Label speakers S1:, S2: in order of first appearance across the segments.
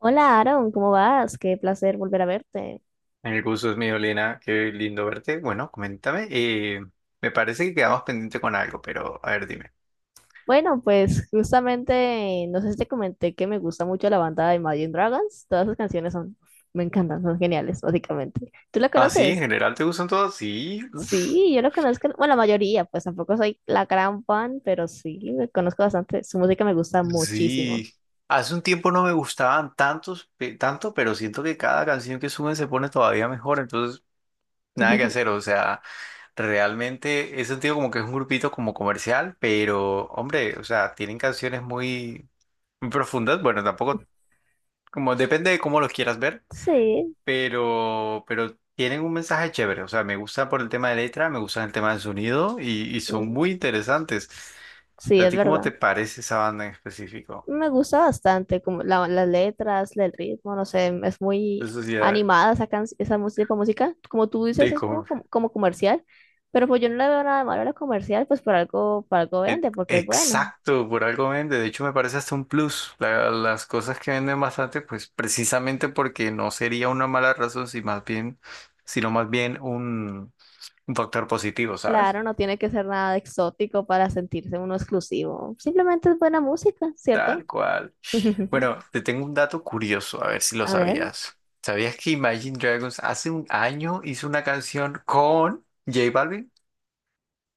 S1: Hola Aaron, ¿cómo vas? Qué placer volver a verte.
S2: El gusto es mío, Elena. Qué lindo verte. Bueno, coméntame. Me parece que quedamos pendiente con algo, pero a ver, dime.
S1: Bueno, pues justamente, no sé si te comenté que me gusta mucho la banda de Imagine Dragons. Todas sus canciones son, me encantan, son geniales, básicamente. ¿Tú la
S2: ¿Ah, sí? ¿En
S1: conoces?
S2: general te gustan todos? Sí.
S1: Sí, yo la conozco, bueno, la mayoría, pues tampoco soy la gran fan, pero sí, me conozco bastante. Su música me gusta muchísimo.
S2: Sí. Hace un tiempo no me gustaban tantos, tanto, pero siento que cada canción que suben se pone todavía mejor. Entonces, nada que hacer. O sea, realmente he sentido como que es un grupito como comercial, pero, hombre, o sea, tienen canciones muy, muy profundas. Bueno, tampoco, como depende de cómo los quieras ver.
S1: Sí,
S2: Pero tienen un mensaje chévere. O sea, me gusta por el tema de letra, me gusta el tema del sonido y son
S1: mm,
S2: muy interesantes.
S1: sí,
S2: ¿A
S1: es
S2: ti cómo
S1: verdad.
S2: te parece esa banda en específico?
S1: Me gusta bastante, como las letras, el ritmo, no sé, es muy
S2: De Sociedad
S1: animada esa, esa tipo de música. Como tú dices,
S2: de
S1: es como, como, como comercial, pero pues yo no le veo nada de malo a lo comercial, pues por algo vende, porque es bueno.
S2: Exacto, por algo vende. De hecho, me parece hasta un plus. Las cosas que venden bastante, pues precisamente porque no sería una mala razón, si más bien, sino más bien un factor positivo, ¿sabes?
S1: Claro, no tiene que ser nada exótico para sentirse uno exclusivo. Simplemente es buena música, ¿cierto?
S2: Tal cual. Bueno, te tengo un dato curioso, a ver si lo
S1: A ver,
S2: sabías. ¿Sabías que Imagine Dragons hace un año hizo una canción con J Balvin?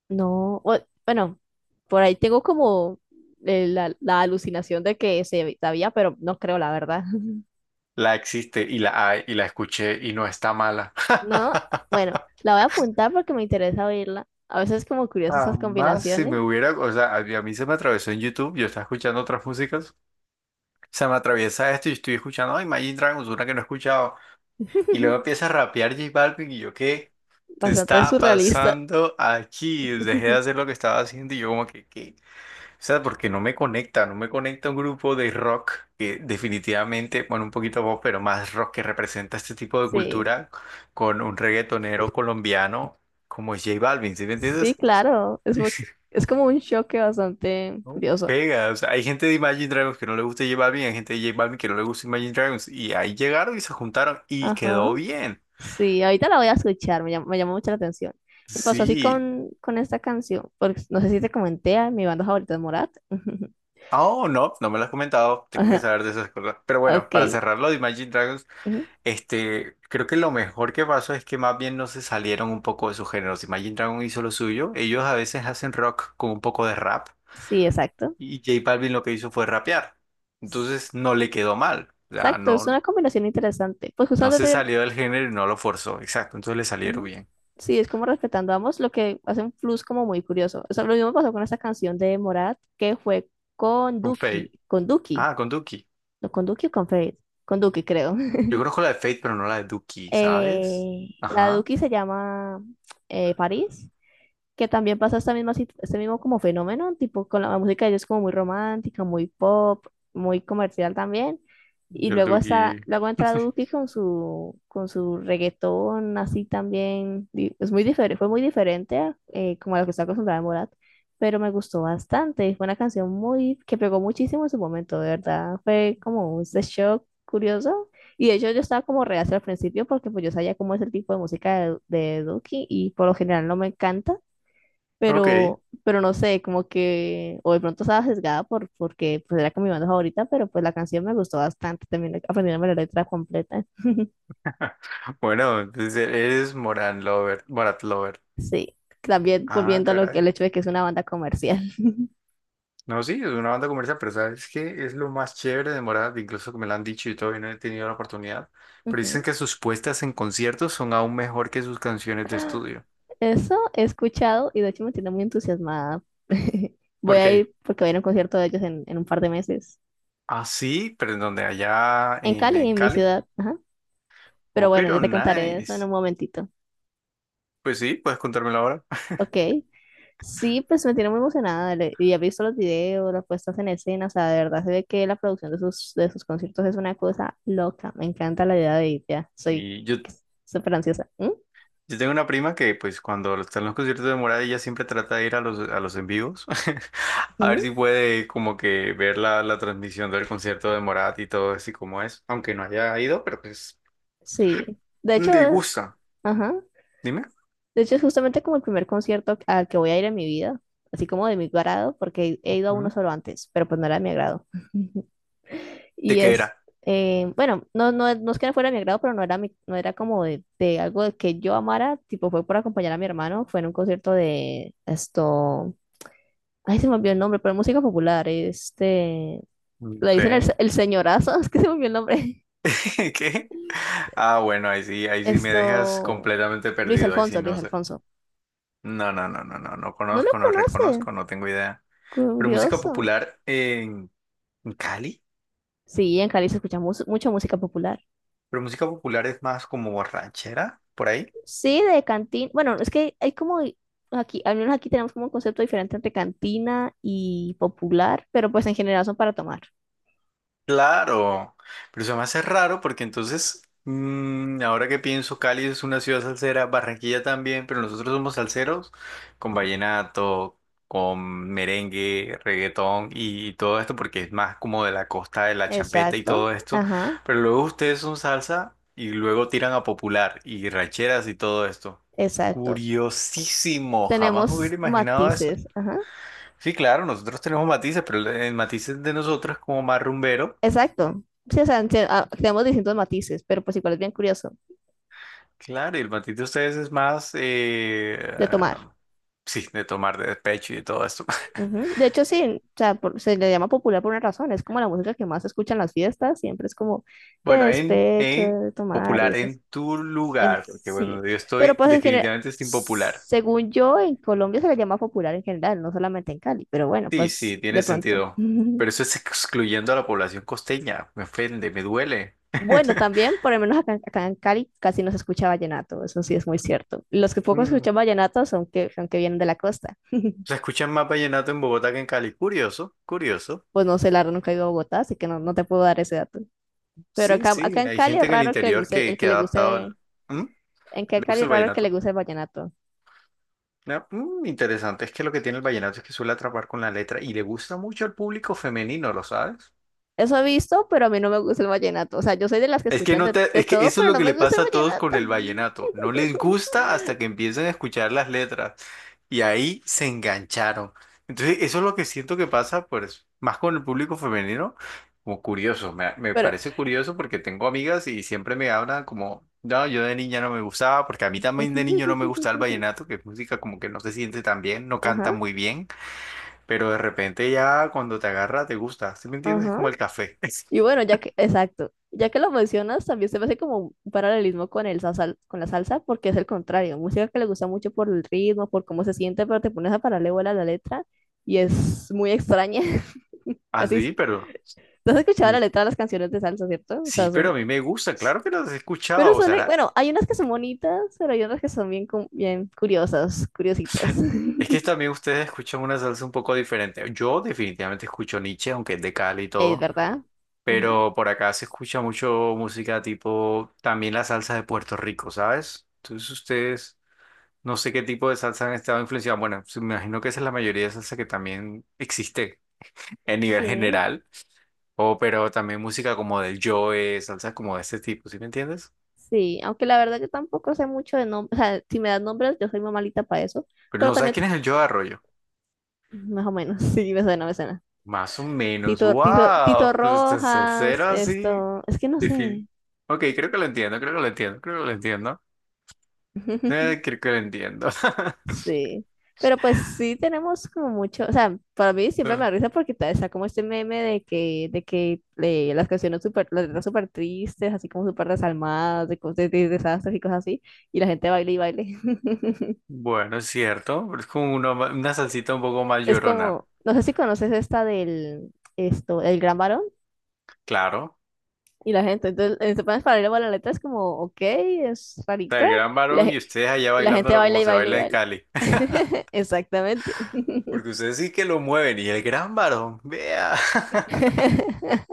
S1: no, bueno, por ahí tengo como la alucinación de que se sabía, pero no creo la verdad.
S2: La existe y la hay y la escuché y no está mala.
S1: No, bueno, la voy a apuntar porque me interesa oírla. A veces es como curioso esas
S2: Jamás si me
S1: combinaciones.
S2: hubiera, o sea, a mí se me atravesó en YouTube, yo estaba escuchando otras músicas, se me atraviesa esto y estoy escuchando, ay, Imagine Dragons, una que no he escuchado, y luego empieza a rapear J Balvin y yo, ¿qué? ¿Te
S1: Bastante
S2: está
S1: surrealista.
S2: pasando aquí? Dejé de hacer lo que estaba haciendo y yo como que, ¿qué? O sea, porque no me conecta un grupo de rock que definitivamente, bueno, un poquito pop, pero más rock que representa este tipo de
S1: Sí,
S2: cultura con un reggaetonero colombiano como es J Balvin, ¿sí me
S1: sí,
S2: entiendes?
S1: claro. Es, es como un choque bastante
S2: ¿No?
S1: curioso.
S2: Pega, o sea, hay gente de Imagine Dragons que no le gusta J Balvin, hay gente de J Balvin que no le gusta Imagine Dragons, y ahí llegaron y se juntaron y
S1: Ajá.
S2: quedó bien.
S1: Sí, ahorita la voy a escuchar, me llamó mucho la atención. Me pasó así
S2: Sí.
S1: con esta canción, porque no sé si te comenté, ah, mi banda favorita es Morat.
S2: Oh, no, no me lo has comentado, tengo que
S1: Ajá,
S2: saber de esas cosas. Pero bueno,
S1: ok,
S2: para cerrar lo de Imagine Dragons.
S1: ujú,
S2: Este, creo que lo mejor que pasó es que más bien no se salieron un poco de sus géneros. Si Imagine Dragon hizo lo suyo, ellos a veces hacen rock con un poco de rap
S1: sí, exacto.
S2: y J Balvin lo que hizo fue rapear.
S1: S-
S2: Entonces no le quedó mal. O sea,
S1: Exacto, es
S2: no,
S1: una combinación interesante. Pues
S2: no se
S1: justamente
S2: salió del género y no lo forzó. Exacto, entonces le salieron
S1: ujú.
S2: bien.
S1: Sí, es como respetando a ambos, lo que hace un plus como muy curioso. Eso lo mismo pasó con esta canción de Morat, que fue con
S2: Con Fate.
S1: Duki,
S2: Ah, con Duki.
S1: no con Duki o con Feid, con Duki creo.
S2: Yo conozco la de Fate, pero no la de Duki, ¿sabes?
S1: La
S2: Ajá.
S1: Duki se llama París, que también pasa esta misma, este mismo como fenómeno, tipo con la música de ellos como muy romántica, muy pop, muy comercial también. Y
S2: Y el
S1: luego
S2: Duki.
S1: está, luego entra Duki con su reggaetón, así también, es muy diferente, fue muy diferente a, como a lo que está acostumbrada Morat, pero me gustó bastante, fue una canción muy, que pegó muchísimo en su momento, de verdad, fue como un shock curioso, y de hecho yo estaba como reacia al principio, porque pues yo sabía cómo es el tipo de música de Duki, y por lo general no me encanta,
S2: Ok.
S1: pero no sé, como que, o de pronto estaba sesgada por, porque pues era con mi banda favorita, pero pues la canción me gustó bastante, también aprendiéndome la letra completa.
S2: Bueno, entonces eres Moran Lover, Morat Lover.
S1: Sí, también
S2: Ah,
S1: volviendo a lo que
S2: caray.
S1: el hecho de que es una banda comercial.
S2: No, sí, es una banda comercial, pero sabes que es lo más chévere de Morat, incluso que me lo han dicho y todavía no he tenido la oportunidad. Pero dicen
S1: Ujú.
S2: que sus puestas en conciertos son aún mejor que sus canciones de estudio.
S1: Eso he escuchado y de hecho me tiene muy entusiasmada. Voy
S2: ¿Por
S1: a
S2: qué?
S1: ir porque voy a ir a un concierto de ellos en un par de meses,
S2: Ah, sí, pero en donde allá
S1: en Cali,
S2: en
S1: en mi
S2: Cali.
S1: ciudad. Ajá. Pero
S2: Oh,
S1: bueno, yo
S2: pero
S1: te contaré eso en
S2: nice.
S1: un momentito.
S2: Pues sí, puedes contármelo ahora.
S1: Ok. Sí, pues me tiene muy emocionada. Y he visto los videos, las puestas en escena. O sea, de verdad se ve que la producción de sus conciertos es una cosa loca. Me encanta la idea de ir ya. Soy
S2: Y yo.
S1: súper ansiosa. ¿Mm?
S2: Yo tengo una prima que, pues, cuando están los conciertos de Morat, ella siempre trata de ir a los en vivos. A
S1: ¿Mm?
S2: ver si puede, como que, ver la, la transmisión del concierto de Morat y todo así como es. Aunque no haya ido, pero pues,
S1: Sí. De hecho,
S2: le gusta.
S1: ajá.
S2: Dime.
S1: De hecho, es justamente como el primer concierto al que voy a ir en mi vida. Así como de mi agrado, porque he ido a uno
S2: Ujú.
S1: solo antes, pero pues no era de mi agrado.
S2: ¿De
S1: Y
S2: qué
S1: es,
S2: era?
S1: bueno, no, no, no es que no fuera de mi agrado, pero no era, no era como de algo de que yo amara, tipo fue por acompañar a mi hermano, fue en un concierto de esto, ay, se me olvidó el nombre, pero música popular, este,
S2: No
S1: le
S2: sé.
S1: dicen el, el señorazo, es que se me olvidó el nombre,
S2: ¿Qué? Ah, bueno, ahí sí me dejas
S1: esto,
S2: completamente perdido. Ahí sí
S1: Luis
S2: no sé.
S1: Alfonso,
S2: No, no, no, no, no, no
S1: no lo
S2: conozco, no
S1: conoce,
S2: reconozco, no tengo idea. Pero música
S1: curioso.
S2: popular en Cali.
S1: Sí, en Cali se escucha mucha música popular.
S2: Pero música popular es más como ranchera, por ahí.
S1: Sí, de cantina. Bueno, es que hay como aquí, al menos aquí tenemos como un concepto diferente entre cantina y popular, pero pues en general son para tomar.
S2: Claro, pero se me hace raro porque entonces, mm, ahora que pienso, Cali es una ciudad salsera, Barranquilla también, pero nosotros somos salseros con vallenato, con merengue, reggaetón y todo esto porque es más como de la costa de la champeta y todo
S1: Exacto,
S2: esto.
S1: ajá,
S2: Pero luego ustedes son salsa y luego tiran a popular y rancheras y todo esto.
S1: exacto.
S2: Curiosísimo, jamás me hubiera
S1: Tenemos
S2: imaginado eso.
S1: matices, ajá,
S2: Sí, claro, nosotros tenemos matices, pero el matiz de nosotros es como más rumbero.
S1: exacto. Sí, o sea, ah, tenemos distintos matices, pero pues igual es bien curioso
S2: Claro, y el matiz de ustedes es más,
S1: de tomar.
S2: sí, de tomar de despecho y de todo esto.
S1: Ujú. De hecho, sí, o sea, se le llama popular por una razón, es como la música que más se escucha en las fiestas, siempre es como te
S2: Bueno,
S1: despecho
S2: en
S1: de tomar y
S2: popular
S1: esas
S2: en tu
S1: en
S2: lugar, porque
S1: sí.
S2: bueno, yo
S1: Pero
S2: estoy
S1: pues en general,
S2: definitivamente es impopular.
S1: según yo, en Colombia se le llama popular en general, no solamente en Cali, pero bueno,
S2: Sí,
S1: pues
S2: sí, tiene
S1: de pronto.
S2: sentido. Pero eso es excluyendo a la población costeña. Me ofende, me duele.
S1: Bueno, también, por lo menos acá, acá en Cali casi no se escucha vallenato, eso sí es muy cierto. Los que poco
S2: Mm.
S1: escuchan vallenato son que vienen de la costa.
S2: Se escuchan más vallenato en Bogotá que en Cali. Curioso, curioso.
S1: Pues no sé, la verdad nunca he ido a Bogotá, así que no, no te puedo dar ese dato. Pero
S2: Sí,
S1: acá, acá
S2: sí,
S1: en
S2: hay
S1: Cali
S2: gente
S1: es
S2: en el
S1: raro que le
S2: interior
S1: guste, el que
S2: que ha
S1: le
S2: adaptado
S1: guste,
S2: el... ¿Mm?
S1: en que en
S2: ¿Le
S1: Cali
S2: gusta
S1: es
S2: el
S1: raro el que le
S2: vallenato?
S1: guste el vallenato.
S2: Ah, mm, interesante, es que lo que tiene el vallenato es que suele atrapar con la letra y le gusta mucho al público femenino, ¿lo sabes?
S1: Eso he visto, pero a mí no me gusta el vallenato. O sea, yo soy de las que
S2: Es que
S1: escuchan
S2: no te,
S1: de
S2: es que
S1: todo,
S2: eso es
S1: pero
S2: lo
S1: no
S2: que
S1: me
S2: le
S1: gusta el
S2: pasa a todos con
S1: vallenato.
S2: el vallenato, no les gusta hasta que empiezan a escuchar las letras. Y ahí se engancharon. Entonces, eso es lo que siento que pasa, pues, más con el público femenino, como curioso. Me
S1: Pero.
S2: parece curioso porque tengo amigas y siempre me hablan como, no, yo de niña no me gustaba, porque a mí también de niño no me gustaba el vallenato, que es música como que no se siente tan bien, no canta
S1: Ajá,
S2: muy bien, pero de repente ya cuando te agarra te gusta. ¿Sí me entiendes? Es
S1: ajá.
S2: como el café.
S1: Y bueno, ya que, exacto. Ya que lo mencionas, también se me hace como un paralelismo con el con la salsa, porque es el contrario. Música que le gusta mucho por el ritmo, por cómo se siente, pero te pones a pararle paralelo a la letra y es muy extraña.
S2: Así,
S1: Casi.
S2: pero...
S1: ¿No has escuchado la
S2: ni-
S1: letra de las canciones de salsa, cierto? O
S2: sí,
S1: sea,
S2: pero
S1: son
S2: a mí me gusta, claro que los he
S1: pero
S2: escuchado, o
S1: son,
S2: sea.
S1: bueno, hay unas que son bonitas, pero hay otras que son bien, bien curiosas, curiositas.
S2: Es que también ustedes escuchan una salsa un poco diferente. Yo definitivamente escucho Nietzsche, aunque es de Cali y
S1: Es
S2: todo,
S1: verdad. Ujú.
S2: pero por acá se escucha mucho música tipo también la salsa de Puerto Rico, ¿sabes? Entonces ustedes no sé qué tipo de salsa han estado influenciados. Bueno, sí, me imagino que esa es la mayoría de salsa que también existe en nivel
S1: Sí,
S2: general, o pero también música como del Joe, salsa como de ese tipo, ¿sí me entiendes?
S1: sí. Aunque la verdad yo tampoco sé mucho de nombres. O sea, si me das nombres, yo soy muy malita para eso.
S2: Pero
S1: Pero
S2: no sabes
S1: también,
S2: quién es el Joe Arroyo.
S1: más o menos, sí, me suena, me suena.
S2: Más o menos,
S1: Tito
S2: wow, pues usted es
S1: Rojas,
S2: salsero así,
S1: esto. Es que no
S2: difícil.
S1: sé.
S2: Ok, creo que lo entiendo. Creo que lo entiendo.
S1: Sí, pero pues sí tenemos como mucho, o sea, para mí siempre me da risa porque está como este meme de que las canciones súper, las letras súper tristes, así como súper desalmadas, de, de desastres y cosas así, y la gente baila y baile.
S2: Bueno, es cierto, pero es como una salsita un poco más
S1: Es
S2: llorona,
S1: como, no sé si conoces esta del, esto, el gran varón
S2: claro.
S1: y la gente, entonces en pones para bailar la letra es como, ok, es
S2: O sea,
S1: rarita,
S2: el gran
S1: y
S2: varón y ustedes allá
S1: y la gente
S2: bailándolo
S1: baila
S2: como
S1: y
S2: se
S1: baila y
S2: baila en
S1: baila.
S2: Cali.
S1: Exactamente.
S2: Porque ustedes sí que lo mueven y el gran varón, vea.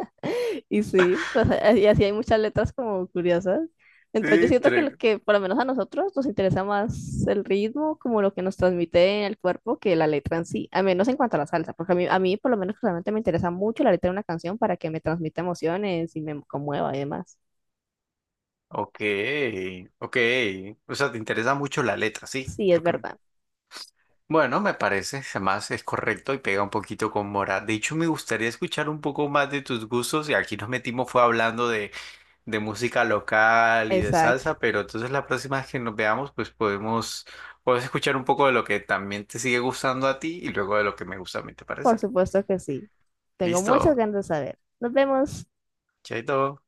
S1: Y sí, pues, y así hay muchas letras como curiosas. Entonces yo
S2: Sí,
S1: siento que lo
S2: tre-
S1: que por lo menos a nosotros nos interesa más el ritmo, como lo que nos transmite en el cuerpo, que la letra en sí, a menos en cuanto a la salsa, porque a mí por lo menos realmente me interesa mucho la letra de una canción para que me transmita emociones y me conmueva y demás.
S2: Ok, ok. O sea, te interesa mucho la letra, sí,
S1: Sí,
S2: es
S1: es
S2: lo que me.
S1: verdad.
S2: Bueno, me parece, además es correcto y pega un poquito con Mora. De hecho, me gustaría escuchar un poco más de tus gustos y aquí nos metimos fue hablando de música local y de
S1: Exacto.
S2: salsa, pero entonces la próxima vez que nos veamos, pues podemos, podemos escuchar un poco de lo que también te sigue gustando a ti y luego de lo que me gusta a mí, ¿te
S1: Por
S2: parece?
S1: supuesto que sí. Tengo muchas
S2: Listo,
S1: ganas de saber. Nos vemos.
S2: chaito.